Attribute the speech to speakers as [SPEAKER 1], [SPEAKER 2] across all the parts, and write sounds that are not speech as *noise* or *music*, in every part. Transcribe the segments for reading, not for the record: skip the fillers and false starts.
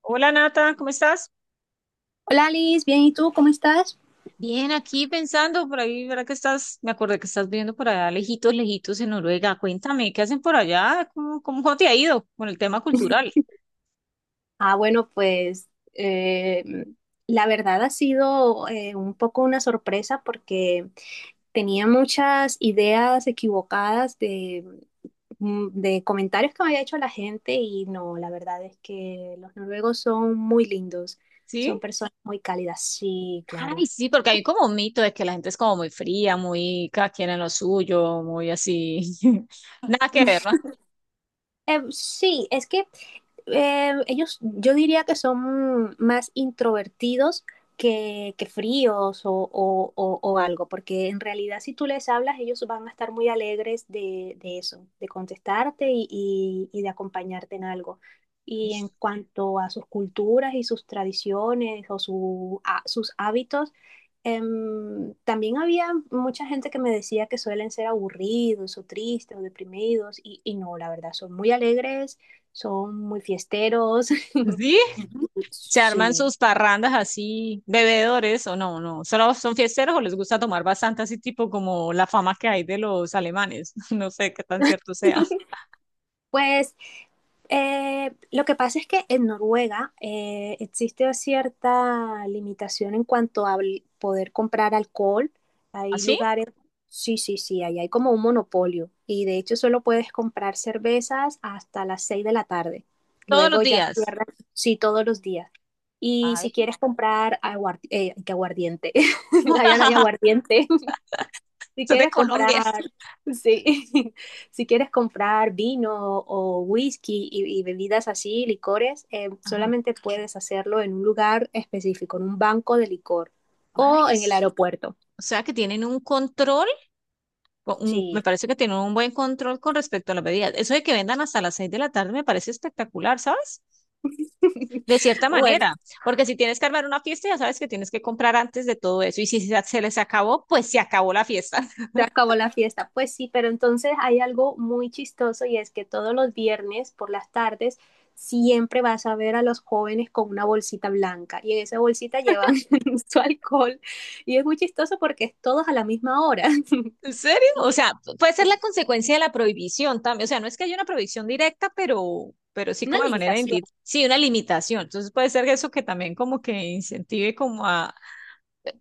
[SPEAKER 1] Hola Nata, ¿cómo estás?
[SPEAKER 2] Hola Alice, bien, ¿y tú cómo estás?
[SPEAKER 1] Bien, aquí pensando por ahí, ¿verdad que estás? Me acordé que estás viviendo por allá, lejitos, lejitos en Noruega. Cuéntame, ¿qué hacen por allá? ¿Cómo te ha ido con el tema cultural?
[SPEAKER 2] Ah, bueno, pues eh, la verdad ha sido un poco una sorpresa porque tenía muchas ideas equivocadas de comentarios que me había hecho la gente y no, la verdad es que los noruegos son muy lindos, son
[SPEAKER 1] ¿Sí?
[SPEAKER 2] personas muy cálidas, sí, claro.
[SPEAKER 1] Ay, sí, porque hay como un mito de que la gente es como muy fría, muy cada quien en lo suyo, muy así. *laughs* Nada que ver, ¿no?
[SPEAKER 2] *laughs* Sí, es que ellos, yo diría que son más introvertidos que fríos o algo, porque en realidad si tú les hablas, ellos van a estar muy alegres de eso, de contestarte y de acompañarte en algo. Y en cuanto a sus culturas y sus tradiciones o sus hábitos, también había mucha gente que me decía que suelen ser aburridos o tristes o deprimidos y no, la verdad, son muy alegres, son muy fiesteros.
[SPEAKER 1] ¿Sí?
[SPEAKER 2] *laughs*
[SPEAKER 1] Se arman
[SPEAKER 2] Sí.
[SPEAKER 1] sus parrandas así, bebedores o no, no. ¿Solo son fiesteros o les gusta tomar bastante así, tipo como la fama que hay de los alemanes? *laughs* No sé qué tan cierto sea.
[SPEAKER 2] Pues lo que pasa es que en Noruega existe cierta limitación en cuanto a poder comprar alcohol. Hay
[SPEAKER 1] ¿Así?
[SPEAKER 2] lugares, sí, sí, sí, ahí hay como un monopolio y de hecho solo puedes comprar cervezas hasta las 6 de la tarde.
[SPEAKER 1] Todos
[SPEAKER 2] Luego
[SPEAKER 1] los
[SPEAKER 2] ya
[SPEAKER 1] días.
[SPEAKER 2] cierran, sí, todos los días. Y si
[SPEAKER 1] Ay,
[SPEAKER 2] quieres comprar aguardi- que aguardiente. *laughs* Allá no hay
[SPEAKER 1] *laughs*
[SPEAKER 2] aguardiente. Si
[SPEAKER 1] soy de
[SPEAKER 2] quieres
[SPEAKER 1] Colombia.
[SPEAKER 2] comprar, sí, *laughs* si quieres comprar vino o whisky y bebidas así, licores,
[SPEAKER 1] Ajá.
[SPEAKER 2] solamente puedes hacerlo en un lugar específico, en un banco de licor
[SPEAKER 1] Ay,
[SPEAKER 2] o en el aeropuerto.
[SPEAKER 1] o sea que tienen un control, o me
[SPEAKER 2] Sí.
[SPEAKER 1] parece que tienen un buen control con respecto a las bebidas. Eso de que vendan hasta las seis de la tarde me parece espectacular, ¿sabes?
[SPEAKER 2] *laughs*
[SPEAKER 1] De cierta
[SPEAKER 2] Bueno.
[SPEAKER 1] manera, porque si tienes que armar una fiesta, ya sabes que tienes que comprar antes de todo eso. Y si se les acabó, pues se acabó la fiesta.
[SPEAKER 2] Se acabó la fiesta. Pues sí, pero entonces hay algo muy chistoso y es que todos los viernes por las tardes siempre vas a ver a los jóvenes con una bolsita blanca y en esa bolsita llevan *laughs* su alcohol y es muy chistoso porque es todos a la misma hora. *laughs*
[SPEAKER 1] ¿En serio? O
[SPEAKER 2] Y
[SPEAKER 1] sea, puede ser la
[SPEAKER 2] sí,
[SPEAKER 1] consecuencia de la prohibición también. O sea, no es que haya una prohibición directa, pero sí
[SPEAKER 2] una
[SPEAKER 1] como de manera
[SPEAKER 2] limitación.
[SPEAKER 1] indirecta. Sí, una limitación. Entonces puede ser eso que también como que incentive como a...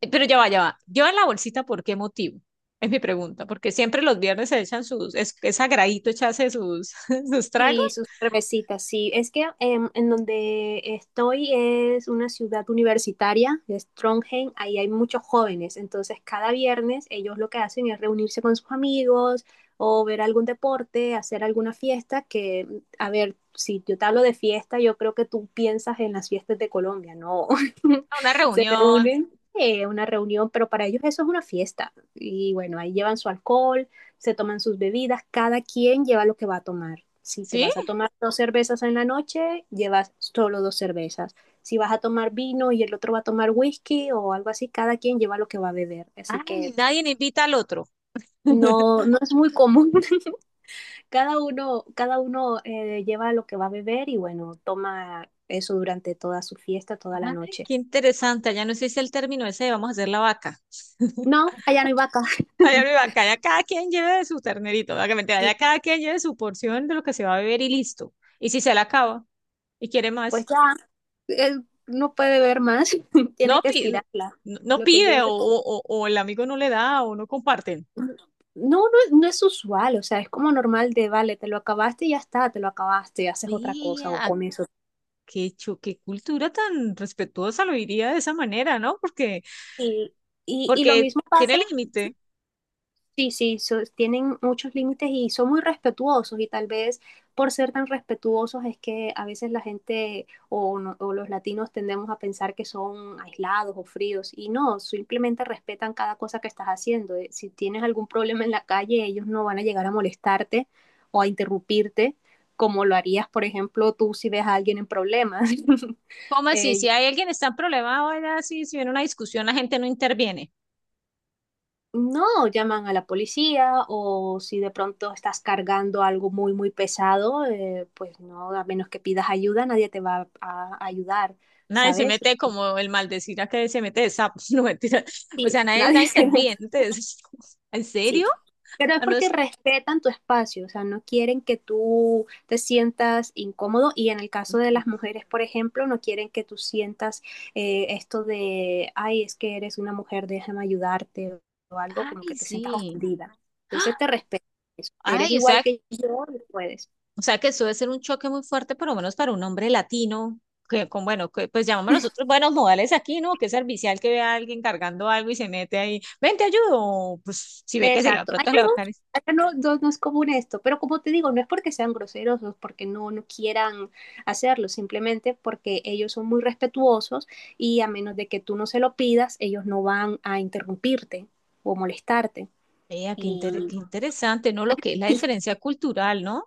[SPEAKER 1] pero ya va, ya va. Yo la bolsita, ¿por qué motivo? Es mi pregunta, porque siempre los viernes se echan sus, es sagradito echarse sus, *laughs* sus
[SPEAKER 2] Sí,
[SPEAKER 1] tragos
[SPEAKER 2] sus cervecitas, sí. Es que en donde estoy es una ciudad universitaria, es Trondheim, ahí hay muchos jóvenes, entonces cada viernes ellos lo que hacen es reunirse con sus amigos o ver algún deporte, hacer alguna fiesta, que, a ver, si yo te hablo de fiesta, yo creo que tú piensas en las fiestas de Colombia, ¿no? *laughs*
[SPEAKER 1] a una
[SPEAKER 2] O
[SPEAKER 1] reunión,
[SPEAKER 2] una reunión, pero para ellos eso es una fiesta. Y bueno, ahí llevan su alcohol, se toman sus bebidas, cada quien lleva lo que va a tomar. Si te
[SPEAKER 1] ¿sí?
[SPEAKER 2] vas a tomar dos cervezas en la noche, llevas solo dos cervezas. Si vas a tomar vino y el otro va a tomar whisky o algo así, cada quien lleva lo que va a beber. Así
[SPEAKER 1] Ay,
[SPEAKER 2] que
[SPEAKER 1] nadie invita al otro. *laughs*
[SPEAKER 2] no, no es muy común. *laughs* Cada uno lleva lo que va a beber y bueno, toma eso durante toda su fiesta, toda la
[SPEAKER 1] Ay,
[SPEAKER 2] noche.
[SPEAKER 1] qué interesante, ya no sé si el término ese de vamos a hacer la vaca.
[SPEAKER 2] No, allá no hay vaca.
[SPEAKER 1] Allá
[SPEAKER 2] *laughs*
[SPEAKER 1] arriba, que haya cada quien lleve de su ternerito, ¿verdad? Que mentira, allá cada quien lleve su porción de lo que se va a beber y listo. Y si se la acaba y quiere
[SPEAKER 2] Pues
[SPEAKER 1] más,
[SPEAKER 2] ya, él no puede ver más. *laughs* Tiene
[SPEAKER 1] no,
[SPEAKER 2] que
[SPEAKER 1] pi- no
[SPEAKER 2] estirarla. Lo que
[SPEAKER 1] pide
[SPEAKER 2] lleva...
[SPEAKER 1] o el amigo no le da o no comparten.
[SPEAKER 2] No, no, no es usual, o sea, es como normal de, vale, te lo acabaste y ya está, te lo acabaste, haces otra cosa o
[SPEAKER 1] Vea,
[SPEAKER 2] con eso.
[SPEAKER 1] qué cultura tan respetuosa lo diría de esa manera, ¿no? Porque,
[SPEAKER 2] Y, y lo
[SPEAKER 1] porque
[SPEAKER 2] mismo
[SPEAKER 1] tiene
[SPEAKER 2] pasa.
[SPEAKER 1] límite.
[SPEAKER 2] Sí, sí, tienen muchos límites y son muy respetuosos y tal vez por ser tan respetuosos es que a veces la gente o, no- o los latinos tendemos a pensar que son aislados o fríos y no, simplemente respetan cada cosa que estás haciendo. Si tienes algún problema en la calle, ellos no van a llegar a molestarte o a interrumpirte como lo harías, por ejemplo, tú si ves a alguien en problemas. *laughs*
[SPEAKER 1] ¿Cómo así?
[SPEAKER 2] Eh,
[SPEAKER 1] Si hay alguien que está en problema, vaya así, si viene una discusión, la gente no interviene.
[SPEAKER 2] No, llaman a la policía o si de pronto estás cargando algo muy, muy pesado, pues no, a menos que pidas ayuda, nadie te va a ayudar,
[SPEAKER 1] Nadie se
[SPEAKER 2] ¿sabes?
[SPEAKER 1] mete como el maldecir a que se mete de sapo, *laughs* no mentira. O
[SPEAKER 2] Sí,
[SPEAKER 1] sea,
[SPEAKER 2] nadie
[SPEAKER 1] nadie
[SPEAKER 2] se...
[SPEAKER 1] interviene.
[SPEAKER 2] *laughs*
[SPEAKER 1] Entonces, *laughs* ¿en
[SPEAKER 2] Sí,
[SPEAKER 1] serio?
[SPEAKER 2] pero es
[SPEAKER 1] Al
[SPEAKER 2] porque
[SPEAKER 1] menos,
[SPEAKER 2] respetan tu espacio, o sea, no quieren que tú te sientas incómodo y en el caso de
[SPEAKER 1] mm,
[SPEAKER 2] las mujeres, por ejemplo, no quieren que tú sientas esto de, ay, es que eres una mujer, déjame ayudarte o algo, como que
[SPEAKER 1] ay,
[SPEAKER 2] te sientas
[SPEAKER 1] sí.
[SPEAKER 2] ofendida.
[SPEAKER 1] *gasps*
[SPEAKER 2] Entonces te
[SPEAKER 1] ¡Ah!
[SPEAKER 2] respetan eso. Eres
[SPEAKER 1] Ay,
[SPEAKER 2] igual que yo y puedes.
[SPEAKER 1] o sea que eso debe ser un choque muy fuerte, por lo menos para un hombre latino, que con, bueno, que, pues llamamos nosotros buenos modales aquí, ¿no? Que servicial que ve a alguien cargando algo y se mete ahí, ven, te ayudo. Pues si ve que se lo de
[SPEAKER 2] Exacto.
[SPEAKER 1] pronto le va a caer.
[SPEAKER 2] Allá no, no, no es común esto, pero como te digo, no es porque sean groseros o porque no, no quieran hacerlo, simplemente porque ellos son muy respetuosos y a menos de que tú no se lo pidas, ellos no van a interrumpirte o molestarte.
[SPEAKER 1] Vea,
[SPEAKER 2] Y
[SPEAKER 1] qué interesante, ¿no? Lo que es la diferencia cultural, ¿no?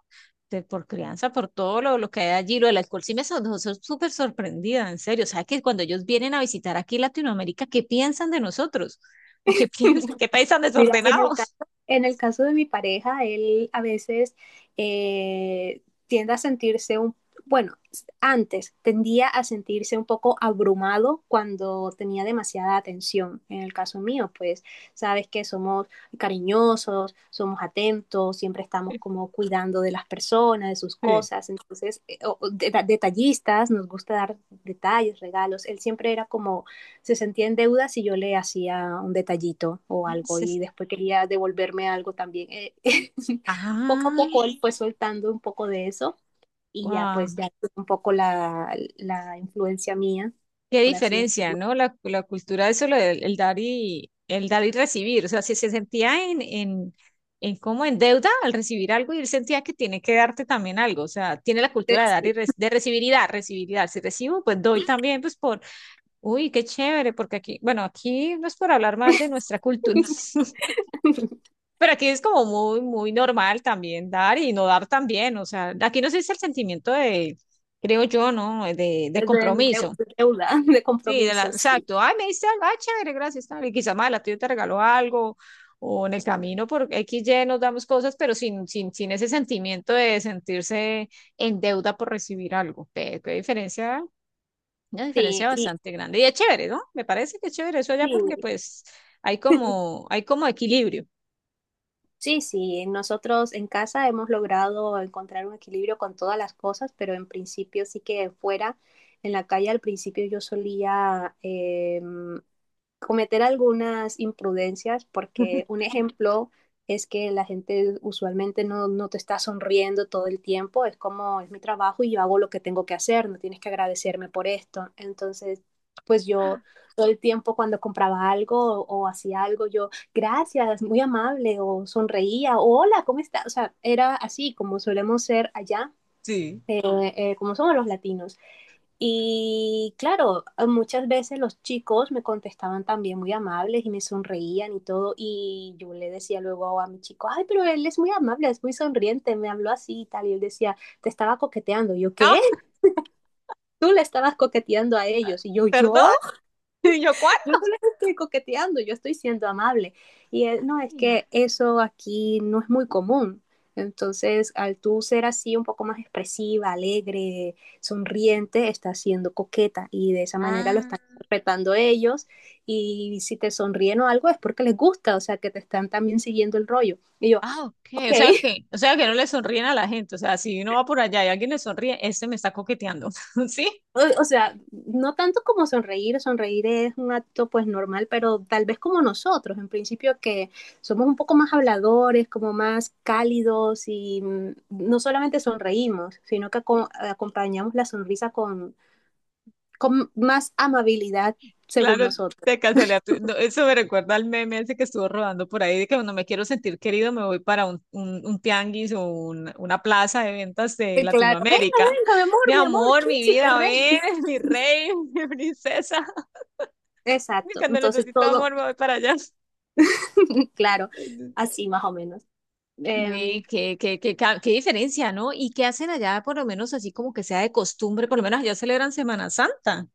[SPEAKER 1] Por crianza, por todo lo que hay allí, lo del alcohol, sí me son, soy súper sorprendida, en serio. O sea, que cuando ellos vienen a visitar aquí Latinoamérica, ¿qué piensan de nosotros? ¿O qué *laughs* piensan? ¿Qué país tan
[SPEAKER 2] mira, en
[SPEAKER 1] desordenado?
[SPEAKER 2] el caso, en el caso de mi pareja, él a veces tiende a sentirse bueno, antes tendía a sentirse un poco abrumado cuando tenía demasiada atención. En el caso mío, pues sabes que somos cariñosos, somos atentos, siempre estamos
[SPEAKER 1] *laughs*
[SPEAKER 2] como cuidando de las personas, de sus
[SPEAKER 1] Sí.
[SPEAKER 2] cosas, entonces, detallistas, nos gusta dar detalles, regalos. Él siempre era como se sentía en deuda si yo le hacía un detallito o algo y
[SPEAKER 1] Entonces,
[SPEAKER 2] después quería devolverme algo también. *laughs* Poco a
[SPEAKER 1] ah,
[SPEAKER 2] poco él fue soltando un poco de eso y ya
[SPEAKER 1] wow.
[SPEAKER 2] pues ya tuvo un poco la influencia mía,
[SPEAKER 1] Qué
[SPEAKER 2] por así
[SPEAKER 1] diferencia,
[SPEAKER 2] decirlo,
[SPEAKER 1] ¿no? La cultura, eso, el dar y recibir. O sea, si se sentía en como en deuda al recibir algo y él sentía que tiene que darte también algo. O sea, tiene la cultura de dar
[SPEAKER 2] sí.
[SPEAKER 1] y de recibir y dar, recibir y dar. Si recibo, pues doy también, pues por, uy, qué chévere, porque aquí, bueno, aquí no es por hablar mal de nuestra cultura, *laughs*
[SPEAKER 2] *laughs*
[SPEAKER 1] pero aquí es como muy, muy normal también dar y no dar también. O sea, aquí no se dice el sentimiento de, creo yo, ¿no? De
[SPEAKER 2] de- de-
[SPEAKER 1] compromiso.
[SPEAKER 2] de deuda, de
[SPEAKER 1] Sí,
[SPEAKER 2] compromisos. Sí,
[SPEAKER 1] exacto. Ay, me diste algo, ay, chévere, gracias. Tal. Y quizá más adelante yo te regalo algo, o en el camino por X, Y nos damos cosas, pero sin ese sentimiento de sentirse en deuda por recibir algo. Qué, qué diferencia, una
[SPEAKER 2] sí,
[SPEAKER 1] diferencia
[SPEAKER 2] y,
[SPEAKER 1] bastante grande. Y es chévere, ¿no? Me parece que es chévere eso allá porque
[SPEAKER 2] sí,
[SPEAKER 1] pues hay como equilibrio.
[SPEAKER 2] sí, sí, nosotros en casa hemos logrado encontrar un equilibrio con todas las cosas, pero en principio sí que fuera, en la calle al principio yo solía, cometer algunas imprudencias, porque un ejemplo es que la gente usualmente no, no te está sonriendo todo el tiempo, es como es mi trabajo y yo hago lo que tengo que hacer, no tienes que agradecerme por esto. Entonces, pues yo todo el tiempo cuando compraba algo o hacía algo, yo gracias, muy amable, o sonreía, o hola, ¿cómo está? O sea, era así como solemos ser allá,
[SPEAKER 1] Sí.
[SPEAKER 2] eh, como somos los latinos. Y claro, muchas veces los chicos me contestaban también muy amables y me sonreían y todo. Y yo le decía luego a mi chico, ay, pero él es muy amable, es muy sonriente, me habló así y tal. Y él decía, te estaba coqueteando. Y yo, ¿qué?
[SPEAKER 1] Ah,
[SPEAKER 2] *laughs* Tú le estabas coqueteando a ellos. Y yo,
[SPEAKER 1] perdón,
[SPEAKER 2] ¿yo?
[SPEAKER 1] *laughs* ¿y yo cuándo?
[SPEAKER 2] Yo no les estoy coqueteando, yo estoy siendo amable. Y él, no, es
[SPEAKER 1] Ay,
[SPEAKER 2] que eso aquí no es muy común. Entonces, al tú ser así un poco más expresiva, alegre, sonriente, estás siendo coqueta y de esa manera lo
[SPEAKER 1] ah.
[SPEAKER 2] están interpretando ellos. Y si te sonríen o algo es porque les gusta, o sea, que te están también siguiendo el rollo. Y yo, ah,
[SPEAKER 1] Ah, ok,
[SPEAKER 2] ok,
[SPEAKER 1] o sea que no le sonríen a la gente, o sea, si uno va por allá y alguien le sonríe, este me está coqueteando, *laughs* ¿sí?
[SPEAKER 2] o sea, no tanto como sonreír, sonreír es un acto pues normal, pero tal vez como nosotros, en principio que somos un poco más habladores, como más cálidos y no solamente sonreímos, sino que acompañamos la sonrisa con más amabilidad según
[SPEAKER 1] Claro,
[SPEAKER 2] nosotros.
[SPEAKER 1] de casualidad, no, eso me recuerda al meme ese que estuvo rodando por ahí, de que cuando me quiero sentir querido me voy para un tianguis o una plaza de ventas de
[SPEAKER 2] Y claro, venga,
[SPEAKER 1] Latinoamérica.
[SPEAKER 2] venga,
[SPEAKER 1] Mi
[SPEAKER 2] mi amor,
[SPEAKER 1] amor, mi
[SPEAKER 2] príncipe
[SPEAKER 1] vida,
[SPEAKER 2] rey.
[SPEAKER 1] ven, *laughs* mi rey, mi princesa, *laughs*
[SPEAKER 2] Exacto,
[SPEAKER 1] cuando
[SPEAKER 2] entonces
[SPEAKER 1] necesito
[SPEAKER 2] todo,
[SPEAKER 1] amor me voy para allá.
[SPEAKER 2] *laughs* claro, así más o menos. Eh,
[SPEAKER 1] Ve, qué diferencia, ¿no? ¿Y qué hacen allá, por lo menos así como que sea de costumbre? Por lo menos allá celebran Semana Santa.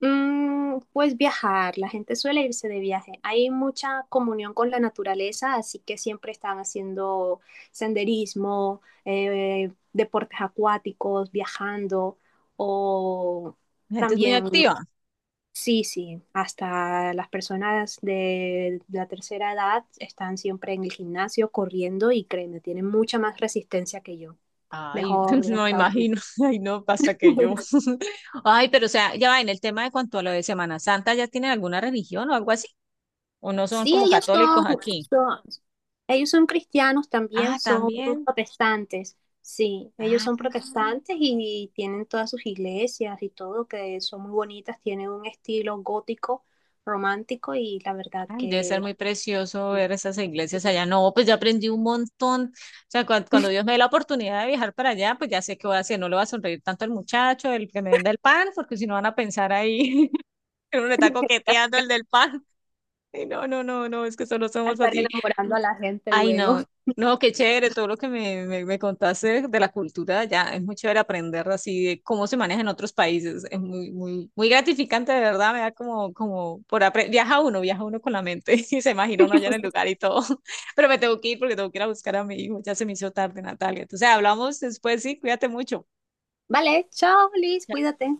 [SPEAKER 2] Pues viajar, la gente suele irse de viaje. Hay mucha comunión con la naturaleza, así que siempre están haciendo senderismo, deportes acuáticos, viajando o
[SPEAKER 1] La gente es muy
[SPEAKER 2] también,
[SPEAKER 1] activa.
[SPEAKER 2] sí, sí, hasta las personas de la tercera edad están siempre en el gimnasio corriendo y créeme, tienen mucha más resistencia que yo.
[SPEAKER 1] Ay, *laughs*
[SPEAKER 2] Mejor
[SPEAKER 1] no me
[SPEAKER 2] estado.
[SPEAKER 1] imagino. *laughs* Ay, no, pasa que yo.
[SPEAKER 2] *laughs*
[SPEAKER 1] *laughs* Ay, pero o sea, ya va, en el tema de cuanto a lo de Semana Santa, ¿ya tienen alguna religión o algo así? ¿O no son
[SPEAKER 2] Sí,
[SPEAKER 1] como católicos aquí?
[SPEAKER 2] son, ellos son cristianos
[SPEAKER 1] Ah,
[SPEAKER 2] también, son
[SPEAKER 1] también.
[SPEAKER 2] protestantes. Sí, ellos
[SPEAKER 1] Ah,
[SPEAKER 2] son protestantes y tienen todas sus iglesias y todo, que son muy bonitas, tienen un estilo gótico, romántico y la verdad
[SPEAKER 1] ay, debe ser
[SPEAKER 2] que
[SPEAKER 1] muy precioso ver esas iglesias allá. No, pues ya aprendí un montón. O sea, cuando, Dios me dé la oportunidad de viajar para allá, pues ya sé qué voy a hacer. No le voy a sonreír tanto al muchacho, el que me venda el pan, porque si no van a pensar ahí *laughs* que uno le está coqueteando el del pan. Y no, no, no, no, es que solo somos
[SPEAKER 2] estar
[SPEAKER 1] así.
[SPEAKER 2] enamorando a la gente
[SPEAKER 1] Ay,
[SPEAKER 2] luego.
[SPEAKER 1] no,
[SPEAKER 2] *laughs*
[SPEAKER 1] no, qué chévere todo lo que me contaste de la cultura ya es muy chévere aprender así de cómo se maneja en otros países, es muy, muy, muy gratificante, de verdad, me da como, como, viaja uno con la mente *laughs* y se imagina uno allá en el lugar y todo, *laughs* pero me tengo que ir porque tengo que ir a buscar a mi hijo, ya se me hizo tarde, Natalia, entonces hablamos después, sí, cuídate mucho.
[SPEAKER 2] Vale, chao, Liz, cuídate.